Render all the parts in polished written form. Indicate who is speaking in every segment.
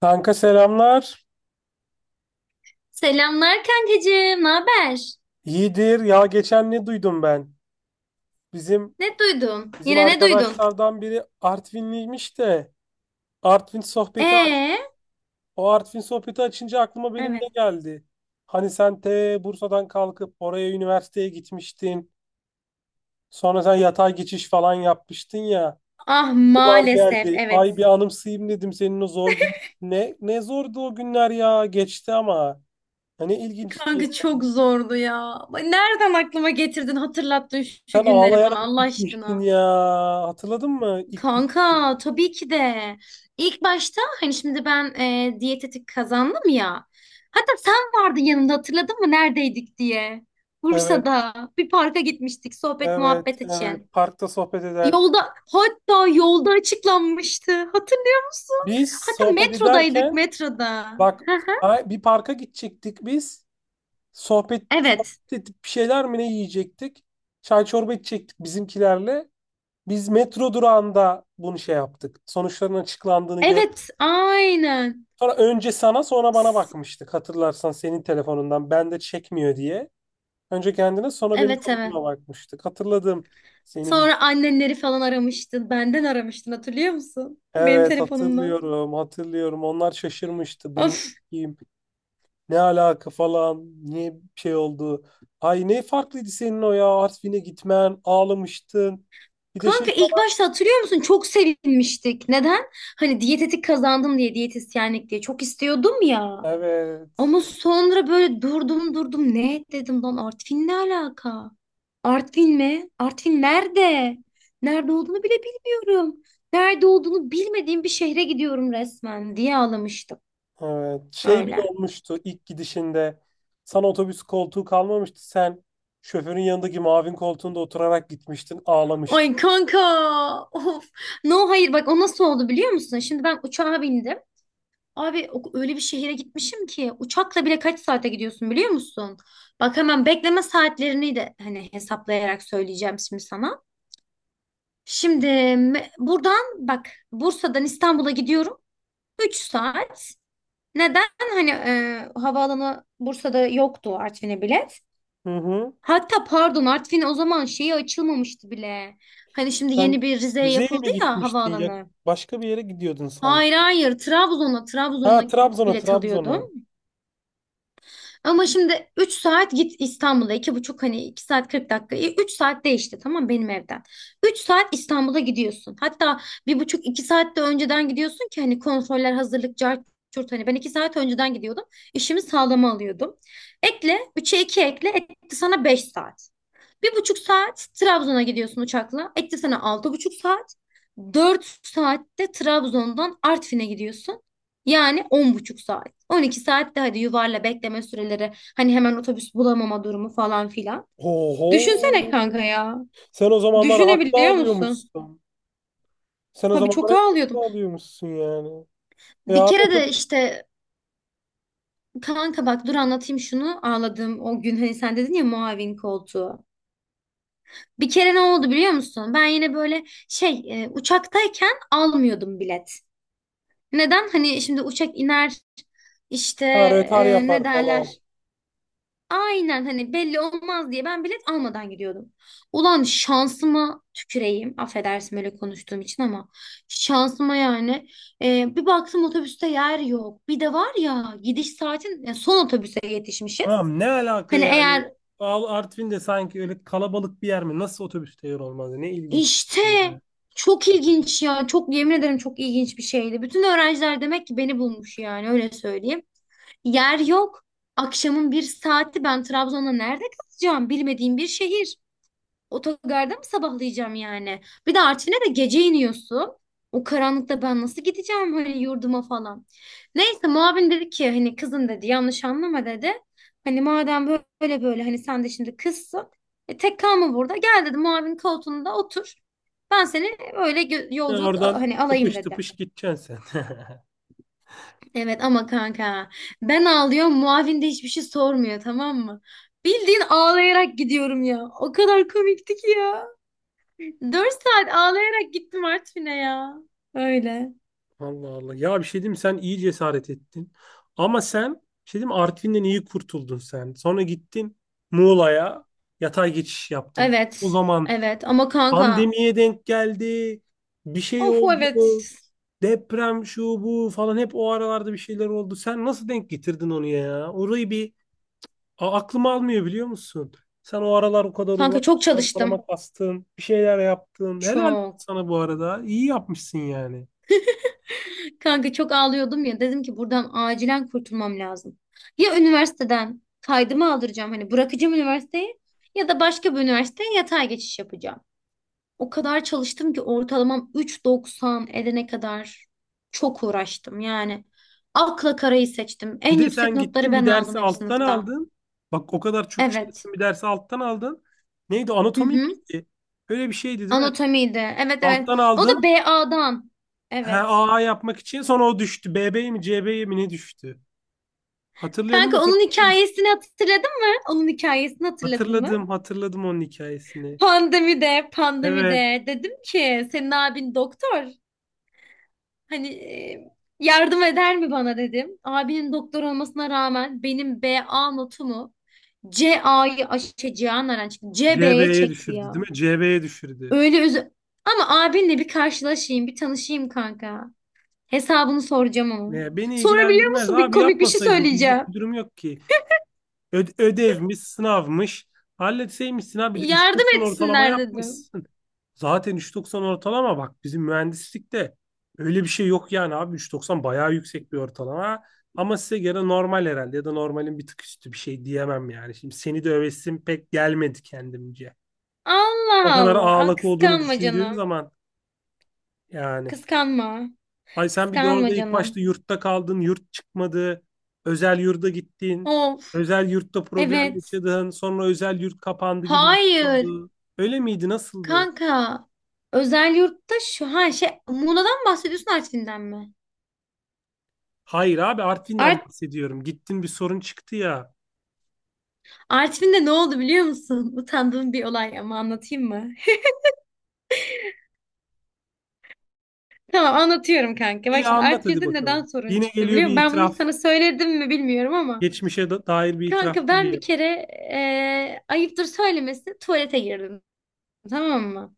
Speaker 1: Kanka selamlar.
Speaker 2: Selamlar kankacığım, ne haber?
Speaker 1: İyidir. Ya geçen ne duydum ben? Bizim
Speaker 2: Ne duydun?
Speaker 1: bizim
Speaker 2: Yine ne duydun?
Speaker 1: arkadaşlardan biri Artvinliymiş de Artvin sohbeti aç.
Speaker 2: Ee,
Speaker 1: O Artvin sohbeti açınca aklıma benim ne
Speaker 2: evet.
Speaker 1: geldi? Hani sen te Bursa'dan kalkıp oraya üniversiteye gitmiştin. Sonra sen yatay geçiş falan yapmıştın ya.
Speaker 2: Ah,
Speaker 1: Yıllar
Speaker 2: maalesef,
Speaker 1: geldi. Ay bir
Speaker 2: evet.
Speaker 1: anımsayayım dedim senin o zor gün. Ne zordu o günler ya. Geçti ama. Hani ilginçti.
Speaker 2: Kanka, çok zordu ya. Nereden aklıma getirdin, hatırlattın şu
Speaker 1: Sen
Speaker 2: günleri bana
Speaker 1: ağlayarak
Speaker 2: Allah
Speaker 1: gitmiştin
Speaker 2: aşkına.
Speaker 1: ya. Hatırladın mı ilk
Speaker 2: Kanka, tabii ki de. İlk başta hani şimdi ben, diyetetik kazandım ya. Hatta sen vardın yanımda, hatırladın mı neredeydik diye.
Speaker 1: evet,
Speaker 2: Bursa'da bir parka gitmiştik sohbet
Speaker 1: evet,
Speaker 2: muhabbet için.
Speaker 1: evet. Parkta sohbet ederken.
Speaker 2: Yolda, hatta yolda açıklanmıştı. Hatırlıyor musun?
Speaker 1: Biz
Speaker 2: Hatta
Speaker 1: sohbet
Speaker 2: metrodaydık,
Speaker 1: ederken
Speaker 2: metroda.
Speaker 1: bak
Speaker 2: Hı hı.
Speaker 1: bir parka gidecektik biz. Sohbet,
Speaker 2: Evet.
Speaker 1: sohbet edip bir şeyler mi ne yiyecektik? Çay çorba içecektik bizimkilerle. Biz metro durağında bunu şey yaptık. Sonuçların açıklandığını gör.
Speaker 2: Evet, aynen.
Speaker 1: Sonra önce sana sonra bana
Speaker 2: S-
Speaker 1: bakmıştık. Hatırlarsan senin telefonundan ben de çekmiyor diye. Önce kendine sonra benim
Speaker 2: Evet, evet.
Speaker 1: sonucuma bakmıştık. Hatırladım seni.
Speaker 2: Sonra annenleri falan aramıştın. Benden aramıştın, hatırlıyor musun? Benim
Speaker 1: Evet,
Speaker 2: telefonumda.
Speaker 1: hatırlıyorum hatırlıyorum, onlar şaşırmıştı bunu
Speaker 2: Of.
Speaker 1: kim ne alaka falan niye bir şey oldu. Ay ne farklıydı senin o ya, Artvin'e gitmen, ağlamıştın. Bir de şey,
Speaker 2: Kanka, ilk başta hatırlıyor musun? Çok sevinmiştik. Neden? Hani diyetetik kazandım diye, diyetisyenlik diye. Çok istiyordum ya.
Speaker 1: evet,
Speaker 2: Ama sonra böyle durdum durdum, ne dedim lan, Artvin ne alaka? Artvin mi? Artvin nerede? Nerede olduğunu bile bilmiyorum. Nerede olduğunu bilmediğim bir şehre gidiyorum resmen diye ağlamıştım.
Speaker 1: evet şey bile
Speaker 2: Öyle.
Speaker 1: olmuştu ilk gidişinde sana otobüs koltuğu kalmamıştı, sen şoförün yanındaki mavin koltuğunda oturarak gitmiştin, ağlamıştın.
Speaker 2: Ay kanka. Of. No, hayır, bak, o nasıl oldu biliyor musun? Şimdi ben uçağa bindim. Abi, öyle bir şehire gitmişim ki uçakla bile kaç saate gidiyorsun biliyor musun? Bak, hemen bekleme saatlerini de hani hesaplayarak söyleyeceğim şimdi sana. Şimdi buradan, bak, Bursa'dan İstanbul'a gidiyorum. 3 saat. Neden? Hani, havaalanı Bursa'da yoktu Artvin'e bilet.
Speaker 1: Hı hı.
Speaker 2: Hatta pardon, Artvin o zaman şeyi açılmamıştı bile. Hani şimdi yeni
Speaker 1: Sen
Speaker 2: bir Rize'ye
Speaker 1: Rize'ye
Speaker 2: yapıldı
Speaker 1: mi
Speaker 2: ya
Speaker 1: gitmiştin ya,
Speaker 2: havaalanı.
Speaker 1: başka bir yere gidiyordun sanki.
Speaker 2: Hayır, hayır, Trabzon'a,
Speaker 1: Ha,
Speaker 2: Trabzon'a
Speaker 1: Trabzon'a,
Speaker 2: bilet
Speaker 1: Trabzon'a.
Speaker 2: alıyordum. Ama şimdi 3 saat git İstanbul'a. 2,5, hani 2 saat 40 dakika. Üç saat değişti, tamam, benim evden. 3 saat İstanbul'a gidiyorsun. Hatta 1,5-2 saat de önceden gidiyorsun ki hani kontroller, hazırlık, cart curt, hani ben 2 saat önceden gidiyordum. İşimi sağlama alıyordum. Ekle 3'e 2 ekle, etti sana 5 saat. 1,5 saat Trabzon'a gidiyorsun uçakla. Etti sana 6,5 saat. 4 saatte Trabzon'dan Artvin'e gidiyorsun. Yani 10,5 saat. 12 saat de hadi yuvarla bekleme süreleri, hani hemen otobüs bulamama durumu falan filan.
Speaker 1: Oho.
Speaker 2: Düşünsene kanka ya.
Speaker 1: Sen o zamanlar haklı
Speaker 2: Düşünebiliyor musun?
Speaker 1: alıyormuşsun. Sen o
Speaker 2: Tabii
Speaker 1: zamanlar
Speaker 2: çok
Speaker 1: hep haklı
Speaker 2: ağlıyordum.
Speaker 1: alıyormuşsun yani. E
Speaker 2: Bir
Speaker 1: abi
Speaker 2: kere de
Speaker 1: otobüs,
Speaker 2: işte, kanka, bak, dur anlatayım şunu ağladığım o gün, hani sen dedin ya muavin koltuğu. Bir kere ne oldu biliyor musun? Ben yine böyle şey, uçaktayken almıyordum bilet. Neden? Hani şimdi uçak iner işte,
Speaker 1: ha, rötar
Speaker 2: ne
Speaker 1: yapar falan.
Speaker 2: derler? Aynen, hani belli olmaz diye ben bilet almadan gidiyordum. Ulan şansıma tüküreyim. Affedersin böyle konuştuğum için ama şansıma yani. Bir baktım otobüste yer yok. Bir de var ya, gidiş saatin, yani son otobüse yetişmişiz.
Speaker 1: Tamam, ne alaka
Speaker 2: Hani
Speaker 1: yani?
Speaker 2: eğer
Speaker 1: Al, Artvin de sanki öyle kalabalık bir yer mi? Nasıl otobüste yer olmaz? Ne ilginç bir
Speaker 2: işte,
Speaker 1: şey ya.
Speaker 2: çok ilginç ya, çok, yemin ederim, çok ilginç bir şeydi. Bütün öğrenciler demek ki beni bulmuş, yani öyle söyleyeyim. Yer yok. Akşamın bir saati, ben Trabzon'da nerede kalacağım? Bilmediğim bir şehir. Otogarda mı sabahlayacağım yani? Bir de Artvin'e de gece iniyorsun. O karanlıkta ben nasıl gideceğim hani yurduma falan? Neyse, muavin dedi ki, hani kızım, dedi, yanlış anlama, dedi. Hani madem böyle böyle, hani sen de şimdi kızsın. Tek kalma burada. Gel, dedi, muavin koltuğunda otur. Ben seni öyle
Speaker 1: Ya,
Speaker 2: yolculuk
Speaker 1: oradan
Speaker 2: hani alayım,
Speaker 1: tıpış
Speaker 2: dedi.
Speaker 1: tıpış gideceksin sen.
Speaker 2: Evet, ama kanka, ben ağlıyorum, muavin de hiçbir şey sormuyor, tamam mı? Bildiğin ağlayarak gidiyorum ya. O kadar komikti ki ya. 4 saat ağlayarak gittim Artvin'e ya. Öyle.
Speaker 1: Allah Allah. Ya bir şey diyeyim mi? Sen iyi cesaret ettin. Ama sen bir şey diyeyim mi? Artvin'den iyi kurtuldun sen. Sonra gittin Muğla'ya, yatay geçiş yaptın. O
Speaker 2: Evet.
Speaker 1: zaman
Speaker 2: Evet ama kanka,
Speaker 1: pandemiye denk geldi. Bir şey
Speaker 2: of,
Speaker 1: oldu.
Speaker 2: evet.
Speaker 1: Deprem, şu bu falan, hep o aralarda bir şeyler oldu. Sen nasıl denk getirdin onu ya? Orayı bir aklım almıyor biliyor musun? Sen o aralar o kadar uğraş,
Speaker 2: Kanka, çok çalıştım.
Speaker 1: ortalama kastın, bir şeyler yaptın. Helal
Speaker 2: Çok.
Speaker 1: sana bu arada. İyi yapmışsın yani.
Speaker 2: Kanka, çok ağlıyordum ya, dedim ki buradan acilen kurtulmam lazım. Ya üniversiteden kaydımı aldıracağım, hani bırakacağım üniversiteyi, ya da başka bir üniversiteye yatay geçiş yapacağım. O kadar çalıştım ki ortalamam 3,90 edene kadar çok uğraştım. Yani akla karayı seçtim.
Speaker 1: Bir
Speaker 2: En
Speaker 1: de
Speaker 2: yüksek
Speaker 1: sen
Speaker 2: notları
Speaker 1: gittin bir
Speaker 2: ben aldım
Speaker 1: dersi
Speaker 2: hep
Speaker 1: alttan
Speaker 2: sınıfta.
Speaker 1: aldın. Bak, o kadar çok
Speaker 2: Evet.
Speaker 1: çalıştın bir dersi alttan aldın. Neydi?
Speaker 2: Hı
Speaker 1: Anatomi
Speaker 2: hı.
Speaker 1: miydi? Öyle bir şeydi değil mi?
Speaker 2: Anatomiydi. Evet, evet.
Speaker 1: Alttan
Speaker 2: O da
Speaker 1: aldın.
Speaker 2: BA'dan.
Speaker 1: He,
Speaker 2: Evet.
Speaker 1: AA yapmak için sonra o düştü. BB'ye mi CB'ye mi ne düştü? Hatırlıyorum o
Speaker 2: Kanka,
Speaker 1: kadar
Speaker 2: onun hikayesini hatırladın mı? Onun hikayesini hatırladın mı?
Speaker 1: hatırladım, hatırladım onun hikayesini.
Speaker 2: Pandemide,
Speaker 1: Evet,
Speaker 2: pandemide dedim ki senin abin doktor. Hani, yardım eder mi bana, dedim. Abinin doktor olmasına rağmen benim BA notumu, CA'yı, şey, Cihan Naran çıktı, CB'ye
Speaker 1: CB'ye
Speaker 2: çekti
Speaker 1: düşürdü
Speaker 2: ya.
Speaker 1: değil mi? CB'ye düşürdü.
Speaker 2: Öyle özü... Ama abinle bir karşılaşayım, bir tanışayım kanka. Hesabını soracağım ama.
Speaker 1: Ne, beni
Speaker 2: Sonra biliyor
Speaker 1: ilgilendirmez
Speaker 2: musun, bir
Speaker 1: abi,
Speaker 2: komik bir şey
Speaker 1: yapmasaydım, bizlik
Speaker 2: söyleyeceğim.
Speaker 1: bir durum yok ki. Ödevmiş, sınavmış. Halletseymişsin abi, bir de
Speaker 2: Yardım
Speaker 1: 3.90 ortalama
Speaker 2: etsinler dedim.
Speaker 1: yapmışsın. Zaten 3.90 ortalama, bak bizim mühendislikte öyle bir şey yok yani abi, 3.90 bayağı yüksek bir ortalama. Ama size göre normal herhalde ya da normalin bir tık üstü, bir şey diyemem yani. Şimdi seni de övesim pek gelmedi kendimce. O
Speaker 2: Allah
Speaker 1: kadar
Speaker 2: Allah. Aa,
Speaker 1: ağlak olduğunu
Speaker 2: kıskanma
Speaker 1: düşündüğüm
Speaker 2: canım.
Speaker 1: zaman yani.
Speaker 2: Kıskanma.
Speaker 1: Ay sen bir de
Speaker 2: Kıskanma
Speaker 1: orada ilk başta
Speaker 2: canım.
Speaker 1: yurtta kaldın, yurt çıkmadı, özel yurda gittin,
Speaker 2: Of.
Speaker 1: özel yurtta problem
Speaker 2: Evet.
Speaker 1: yaşadın, sonra özel yurt kapandı gibi bir şey
Speaker 2: Hayır.
Speaker 1: oldu. Öyle miydi, nasıldı?
Speaker 2: Kanka, özel yurtta, şu, ha, şey, Muğla'dan mı bahsediyorsun, Artvin'den mi?
Speaker 1: Hayır abi, Artvin'den
Speaker 2: Art
Speaker 1: bahsediyorum. Gittin bir sorun çıktı ya.
Speaker 2: Artvin'de ne oldu biliyor musun? Utandığım bir olay ama, anlatayım mı? Tamam, anlatıyorum kanka. Bak
Speaker 1: İyi,
Speaker 2: şimdi,
Speaker 1: anlat hadi
Speaker 2: Artvin'de neden
Speaker 1: bakalım.
Speaker 2: sorun
Speaker 1: Yine
Speaker 2: çıktı
Speaker 1: geliyor
Speaker 2: biliyor
Speaker 1: bir
Speaker 2: musun? Ben bunu hiç
Speaker 1: itiraf.
Speaker 2: sana söyledim mi bilmiyorum ama.
Speaker 1: Geçmişe dair bir itiraf
Speaker 2: Kanka, ben bir
Speaker 1: geliyor.
Speaker 2: kere, ayıptır söylemesi, tuvalete girdim. Tamam mı?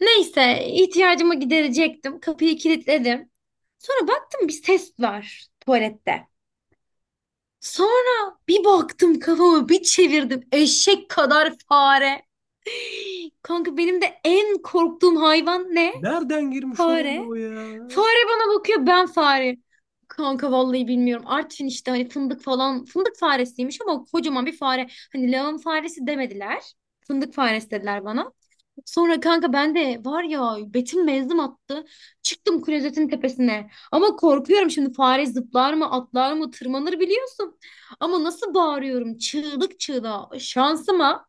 Speaker 2: Neyse, ihtiyacımı giderecektim. Kapıyı kilitledim. Sonra baktım bir ses var tuvalette. Sonra bir baktım, kafamı bir çevirdim, eşek kadar fare. Kanka, benim de en korktuğum hayvan ne?
Speaker 1: Nereden girmiş oraya
Speaker 2: Fare.
Speaker 1: o ya?
Speaker 2: Fare bana bakıyor, ben fare. Kanka, vallahi bilmiyorum, Artvin işte hani fındık falan. Fındık faresiymiş ama kocaman bir fare. Hani lağım faresi demediler. Fındık faresi dediler bana. Sonra, kanka, ben de var ya, Betim mezdim attı. Çıktım klozetin tepesine. Ama korkuyorum şimdi, fare zıplar mı, atlar mı, tırmanır, biliyorsun. Ama nasıl bağırıyorum çığlık çığlığa. Şansıma,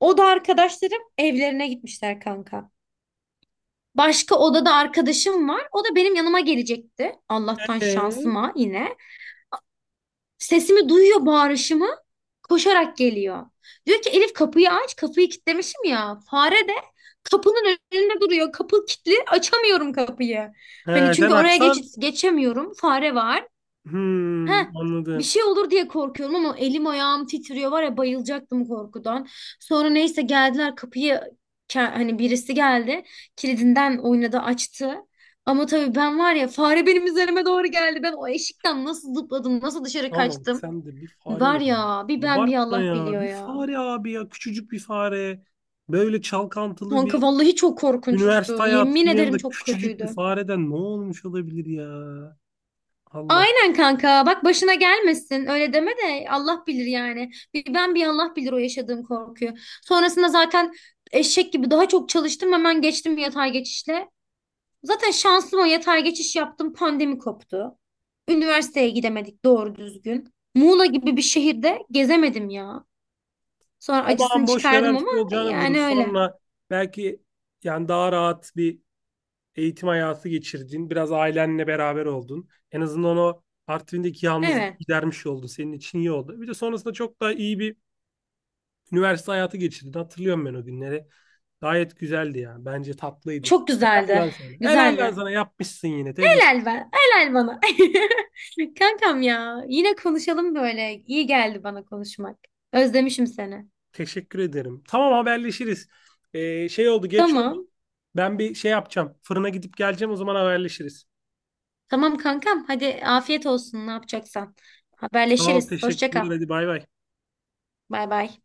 Speaker 2: o da arkadaşlarım evlerine gitmişler kanka. Başka odada arkadaşım var. O da benim yanıma gelecekti. Allah'tan
Speaker 1: Ee,
Speaker 2: şansıma yine. Sesimi duyuyor, bağırışımı. Koşarak geliyor. Diyor ki, Elif, kapıyı aç. Kapıyı kilitlemişim ya. Fare de kapının önünde duruyor. Kapı kilitli. Açamıyorum kapıyı.
Speaker 1: He,
Speaker 2: Hani
Speaker 1: sen
Speaker 2: çünkü oraya geç
Speaker 1: açsan.
Speaker 2: geçemiyorum, fare var.
Speaker 1: Hmm,
Speaker 2: Heh. Bir
Speaker 1: anladım.
Speaker 2: şey olur diye korkuyorum, ama elim ayağım titriyor var ya, bayılacaktım korkudan. Sonra neyse, geldiler, kapıyı hani, birisi geldi. Kilidinden oynadı, açtı. Ama tabii ben var ya, fare benim üzerime doğru geldi. Ben o eşikten nasıl zıpladım, nasıl dışarı
Speaker 1: Aman
Speaker 2: kaçtım.
Speaker 1: sen de bir fare
Speaker 2: Var
Speaker 1: ya.
Speaker 2: ya, bir ben bir
Speaker 1: Abartma
Speaker 2: Allah
Speaker 1: ya.
Speaker 2: biliyor
Speaker 1: Bir
Speaker 2: ya.
Speaker 1: fare abi ya. Küçücük bir fare. Böyle çalkantılı bir
Speaker 2: Kanka, vallahi çok
Speaker 1: üniversite
Speaker 2: korkunçtu. Yemin
Speaker 1: hayatının
Speaker 2: ederim
Speaker 1: yanında
Speaker 2: çok
Speaker 1: küçücük bir
Speaker 2: kötüydü.
Speaker 1: fareden ne olmuş olabilir ya? Allah.
Speaker 2: Aynen kanka, bak, başına gelmesin öyle deme de, Allah bilir yani. Bir ben bir Allah bilir o yaşadığım korkuyu. Sonrasında zaten eşek gibi daha çok çalıştım, hemen geçtim yatay geçişle. Zaten şanslı, o yatay geçiş yaptım, pandemi koptu. Üniversiteye gidemedik doğru düzgün. Muğla gibi bir şehirde gezemedim ya. Sonra acısını
Speaker 1: Aman boş ver, her
Speaker 2: çıkardım ama,
Speaker 1: şey olacağını vurur.
Speaker 2: yani öyle.
Speaker 1: Sonra belki yani daha rahat bir eğitim hayatı geçirdin. Biraz ailenle beraber oldun. En azından o Artvin'deki yalnızlığı
Speaker 2: Evet.
Speaker 1: gidermiş oldu. Senin için iyi oldu. Bir de sonrasında çok daha iyi bir üniversite hayatı geçirdin. Hatırlıyorum ben o günleri. Gayet güzeldi ya. Bence tatlıydı.
Speaker 2: Çok
Speaker 1: Helal
Speaker 2: güzeldi.
Speaker 1: lan sana. Helal lan
Speaker 2: Güzeldi.
Speaker 1: sana. Yapmışsın yine. Tebrik.
Speaker 2: Helal ben. Helal bana. Kankam ya. Yine konuşalım böyle. İyi geldi bana konuşmak. Özlemişim seni.
Speaker 1: Teşekkür ederim. Tamam, haberleşiriz. Şey oldu, geç oldu.
Speaker 2: Tamam.
Speaker 1: Ben bir şey yapacağım. Fırına gidip geleceğim. O zaman haberleşiriz.
Speaker 2: Tamam kankam. Hadi afiyet olsun ne yapacaksan.
Speaker 1: Sağ ol,
Speaker 2: Haberleşiriz. Hoşça kal.
Speaker 1: teşekkürler. Hadi bay bay.
Speaker 2: Bay bay.